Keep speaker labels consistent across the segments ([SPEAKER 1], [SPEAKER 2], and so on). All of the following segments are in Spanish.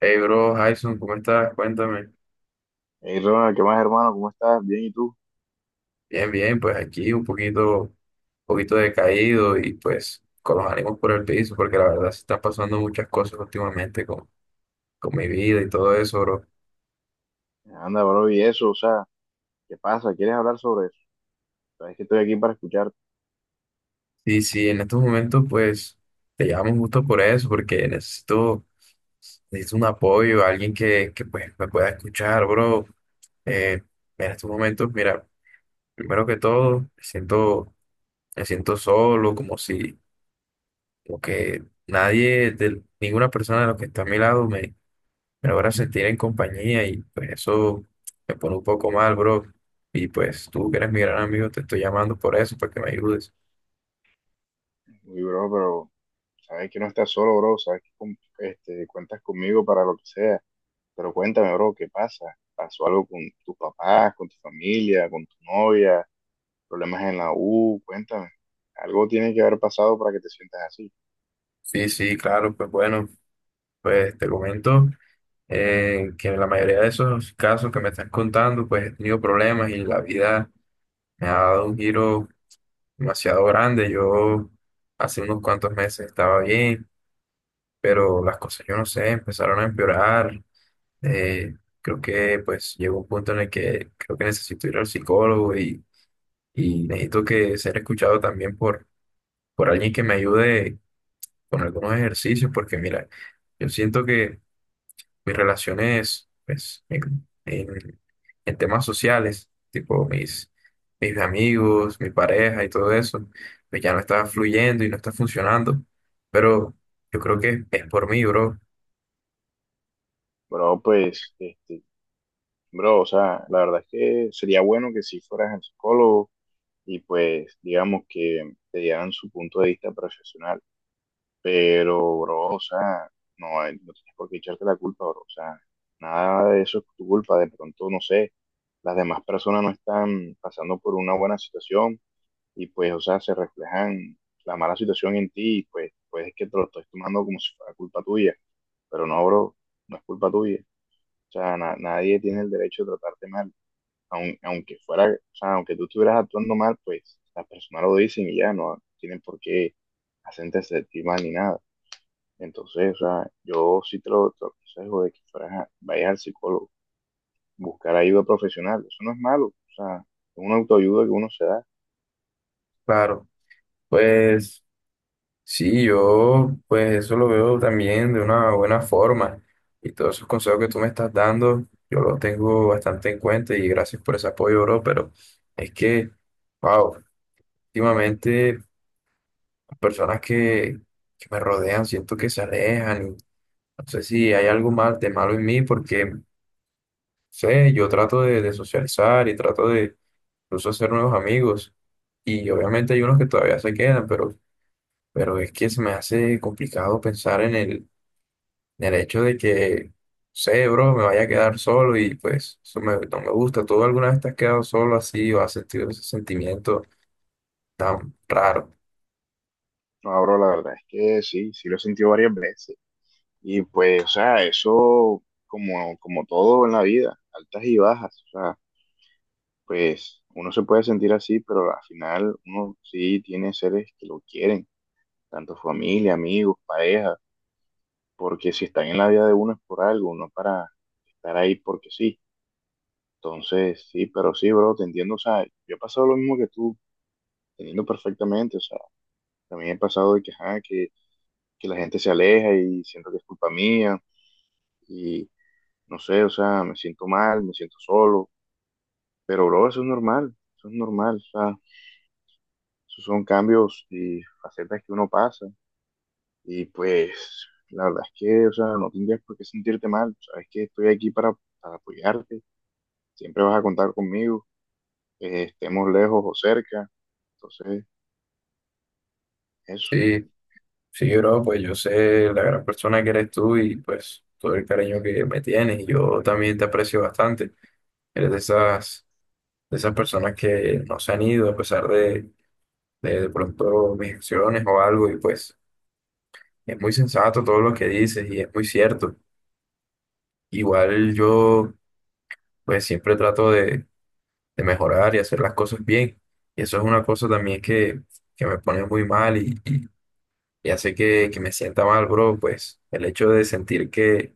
[SPEAKER 1] Hey, bro, Jason, ¿cómo estás? Cuéntame.
[SPEAKER 2] Hey Ronald, ¿qué más hermano? ¿Cómo estás? Bien, ¿y tú?
[SPEAKER 1] Bien, bien, pues aquí un poquito decaído y pues con los ánimos por el piso, porque la verdad se están pasando muchas cosas últimamente con mi vida y todo eso, bro.
[SPEAKER 2] Anda, bro, y eso, o sea, ¿qué pasa? ¿Quieres hablar sobre eso? Sabes que estoy aquí para escucharte.
[SPEAKER 1] Y sí, en estos momentos pues te llamo justo por eso, porque necesito un apoyo, alguien que pues me pueda escuchar, bro. Eh, en estos momentos, mira, primero que todo, me siento solo, como si porque nadie, de, ninguna persona de los que está a mi lado, me logra sentir en compañía y pues eso me pone un poco mal, bro. Y pues tú que eres mi gran amigo, te estoy llamando por eso, para que me ayudes.
[SPEAKER 2] Uy, bro, pero sabes que no estás solo, bro, sabes que este, cuentas conmigo para lo que sea. Pero cuéntame, bro, ¿qué pasa? ¿Pasó algo con tus papás, con tu familia, con tu novia? ¿Problemas en la U? Cuéntame. Algo tiene que haber pasado para que te sientas así.
[SPEAKER 1] Sí, sí, claro, pues bueno, pues te comento que en la mayoría de esos casos que me estás contando, pues he tenido problemas y la vida me ha dado un giro demasiado grande. Yo hace unos cuantos meses estaba bien, pero las cosas, yo no sé, empezaron a empeorar. Eh, Creo que pues llegó un punto en el que creo que necesito ir al psicólogo y necesito que ser escuchado también por alguien que me ayude con algunos ejercicios, porque mira, yo siento que mis relaciones pues, en temas sociales, tipo mis amigos, mi pareja y todo eso, pues ya no está fluyendo y no está funcionando, pero yo creo que es por mí, bro.
[SPEAKER 2] Bro, pues, este, bro, o sea, la verdad es que sería bueno que si fueras el psicólogo y pues digamos que te dieran su punto de vista profesional. Pero, bro, o sea, no, hay no tienes por qué echarte la culpa, bro. O sea, nada de eso es tu culpa. De pronto, no sé, las demás personas no están pasando por una buena situación y pues, o sea, se reflejan la mala situación en ti y pues, pues es que te lo estés tomando como si fuera culpa tuya. Pero no, bro, no es culpa tuya. O sea, nadie tiene el derecho de tratarte mal aunque fuera, o sea, aunque tú estuvieras actuando mal, pues las personas lo dicen y ya no tienen por qué hacerte sentir mal ni nada. Entonces, o sea, yo sí te lo aconsejo de que vayas al psicólogo, buscar ayuda profesional, eso no es malo, o sea, es una autoayuda que uno se da.
[SPEAKER 1] Claro, pues. Sí, yo pues eso lo veo también de una buena forma y todos esos consejos que tú me estás dando, yo los tengo bastante en cuenta y gracias por ese apoyo, bro, pero es que, wow, últimamente las personas que me rodean siento que se alejan y no sé si hay algo mal de malo en mí porque, no sé, yo trato de socializar y trato de incluso hacer nuevos amigos y obviamente hay unos que todavía se quedan, pero es que se me hace complicado pensar en el del hecho de que, sé, bro, me vaya a quedar solo y pues eso me- no me gusta. ¿Tú alguna vez te has quedado solo así o has sentido ese sentimiento tan raro?
[SPEAKER 2] No, abro la verdad es que sí, sí lo he sentido varias veces. Y pues, o sea, eso como todo en la vida, altas y bajas, o sea, pues uno se puede sentir así, pero al final uno sí tiene seres que lo quieren, tanto familia, amigos, pareja, porque si están en la vida de uno es por algo, no para estar ahí porque sí. Entonces, sí, pero sí, bro, te entiendo, o sea, yo he pasado lo mismo que tú, teniendo perfectamente, o sea, también he pasado de que, ajá, que la gente se aleja y siento que es culpa mía y no sé, o sea, me siento mal, me siento solo, pero bro, eso es normal, o sea, esos son cambios y facetas que uno pasa. Y pues, la verdad es que, o sea, no tendrías por qué sentirte mal. Sabes que estoy aquí para apoyarte. Siempre vas a contar conmigo, estemos lejos o cerca. Entonces, eso.
[SPEAKER 1] Sí, sí, bro, pues yo sé la gran persona que eres tú y pues todo el cariño que me tienes y yo también te aprecio bastante. Eres de esas personas que no se han ido a pesar de pronto mis acciones o algo y pues es muy sensato todo lo que dices y es muy cierto. Igual yo pues siempre trato de mejorar y hacer las cosas bien. Y eso es una cosa también que me pone muy mal y hace que me sienta mal, bro, pues el hecho de sentir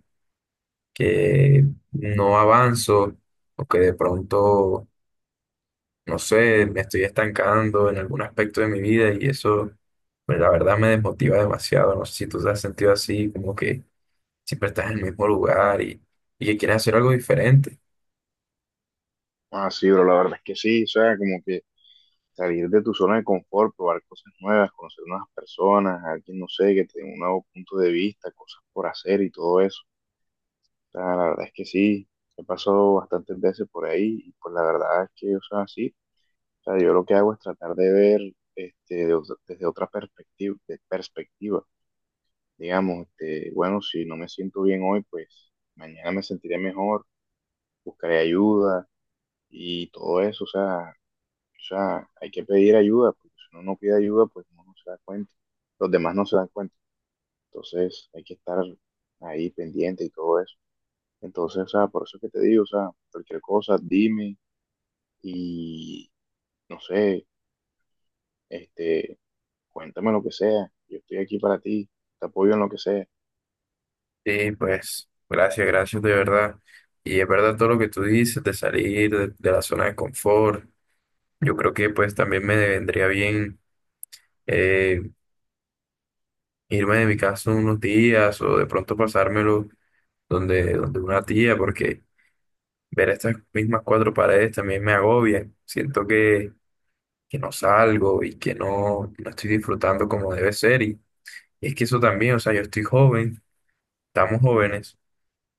[SPEAKER 1] que no avanzo o que de pronto, no sé, me estoy estancando en algún aspecto de mi vida y eso, pues, la verdad me desmotiva demasiado. No sé si tú te has sentido así, como que siempre estás en el mismo lugar, y que quieres hacer algo diferente.
[SPEAKER 2] Ah, sí, pero la verdad es que sí, o sea, como que salir de tu zona de confort, probar cosas nuevas, conocer nuevas personas, alguien, no sé, que te dé un nuevo punto de vista, cosas por hacer y todo eso. O sea, la verdad es que sí, he pasado bastantes veces por ahí y pues la verdad es que, o sea, sí, o sea, yo lo que hago es tratar de ver este, desde otra perspectiva, de perspectiva. Digamos, este, bueno, si no me siento bien hoy, pues mañana me sentiré mejor, buscaré ayuda y todo eso. O sea, hay que pedir ayuda, porque si uno no pide ayuda, pues uno no se da cuenta. Los demás no se dan cuenta. Entonces, hay que estar ahí pendiente y todo eso. Entonces, o sea, por eso es que te digo, o sea, cualquier cosa, dime y no sé, este, cuéntame lo que sea, yo estoy aquí para ti, te apoyo en lo que sea.
[SPEAKER 1] Sí, pues, gracias, gracias de verdad. Y es verdad todo lo que tú dices de salir de la zona de confort. Yo creo que pues también me vendría bien eh, irme de mi casa unos días o de pronto pasármelo donde una tía, porque ver estas mismas cuatro paredes también me agobia. Siento que no salgo y que no estoy disfrutando como debe ser. Y es que eso también, o sea, yo estoy joven, estamos jóvenes.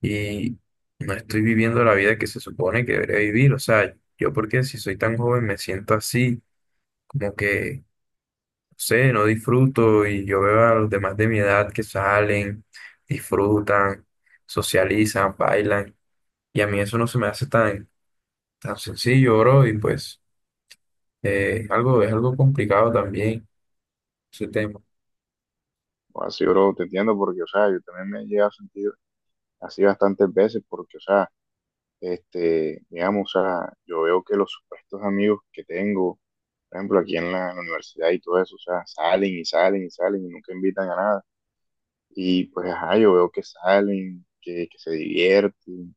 [SPEAKER 1] Y no estoy viviendo la vida que se supone que debería vivir. O sea, yo porque si soy tan joven me siento así, como que, no sé, no disfruto y yo veo a los demás de mi edad que salen, disfrutan, socializan, bailan y a mí eso no se me hace tan sencillo, bro, y pues es algo complicado también ese tema.
[SPEAKER 2] O así, bro, te entiendo porque, o sea, yo también me he llegado a sentir así bastantes veces porque, o sea, este, digamos, o sea, yo veo que los supuestos amigos que tengo, por ejemplo, aquí en la universidad y todo eso, o sea, salen y salen y salen y nunca invitan a nada. Y pues, ajá, yo veo que salen, que se divierten,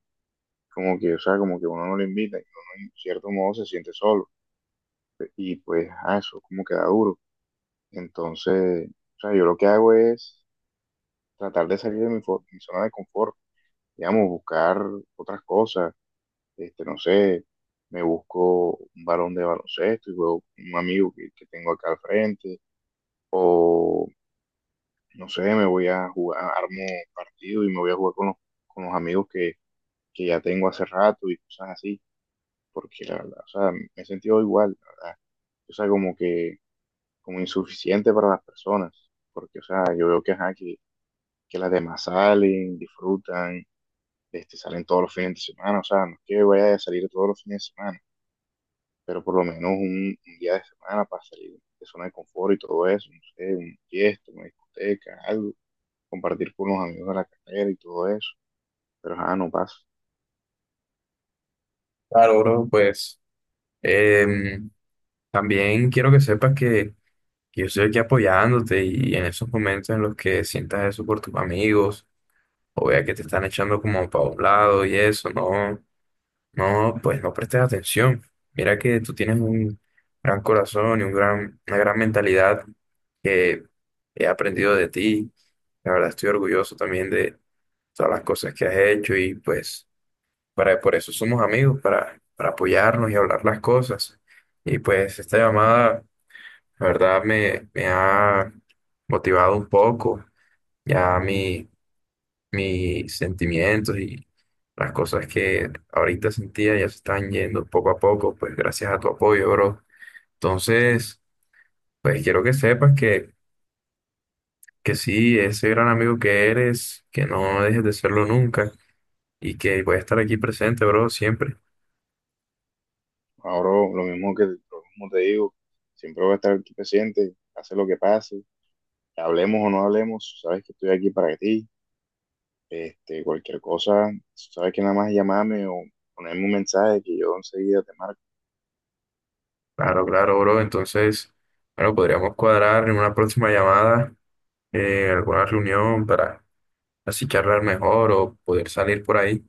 [SPEAKER 2] como que, o sea, como que uno no le invita y uno en cierto modo se siente solo. Y pues, ajá, eso como que da duro. Entonces, o sea, yo lo que hago es tratar de salir de mi, mi zona de confort, digamos, buscar otras cosas, este, no sé, me busco un balón de baloncesto y juego con un amigo que tengo acá al frente, o no sé, me voy a jugar, armo partido y me voy a jugar con los amigos que ya tengo hace rato y cosas así, porque la verdad, o sea, me he sentido igual, la verdad, o sea, como que, como insuficiente para las personas, porque, o sea, yo veo que, ajá, que las demás salen, disfrutan, este, salen todos los fines de semana, o sea, no es que vaya a salir todos los fines de semana, pero por lo menos un día de semana para salir de zona de confort y todo eso, no sé, un fiesta, una discoteca, algo, compartir con los amigos de la carrera y todo eso, pero ah, no pasa.
[SPEAKER 1] Claro, bro, pues em, también quiero que sepas que yo estoy aquí apoyándote y en esos momentos en los que sientas eso por tus amigos o vea que te están echando como para un lado y eso, no, no, pues no prestes atención. Mira que tú tienes un gran corazón y un una gran mentalidad que he aprendido de ti. La verdad estoy orgulloso también de todas las cosas que has hecho y pues... Para, por eso somos amigos, para apoyarnos y hablar las cosas. Y pues esta llamada, la verdad, me ha motivado un poco ya mis sentimientos y las cosas que ahorita sentía ya se están yendo poco a poco, pues gracias a tu apoyo, bro. Entonces, pues quiero que sepas que sí, ese gran amigo que eres, que no dejes de serlo nunca y que voy a estar aquí presente, bro, siempre.
[SPEAKER 2] Ahora lo mismo te digo, siempre voy a estar aquí presente, pase lo que pase, hablemos o no hablemos, sabes que estoy aquí para ti. Este, cualquier cosa, sabes que nada más llamarme o ponerme un mensaje que yo enseguida te marco.
[SPEAKER 1] Claro, claro, bro. Entonces, bueno, podríamos cuadrar en una próxima llamada, alguna reunión para así charlar mejor o poder salir por ahí.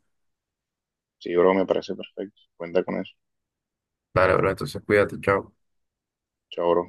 [SPEAKER 2] Sí, bro, me parece perfecto. Cuenta con eso.
[SPEAKER 1] Dale, bro. Entonces, cuídate, chao.
[SPEAKER 2] Chao, bro.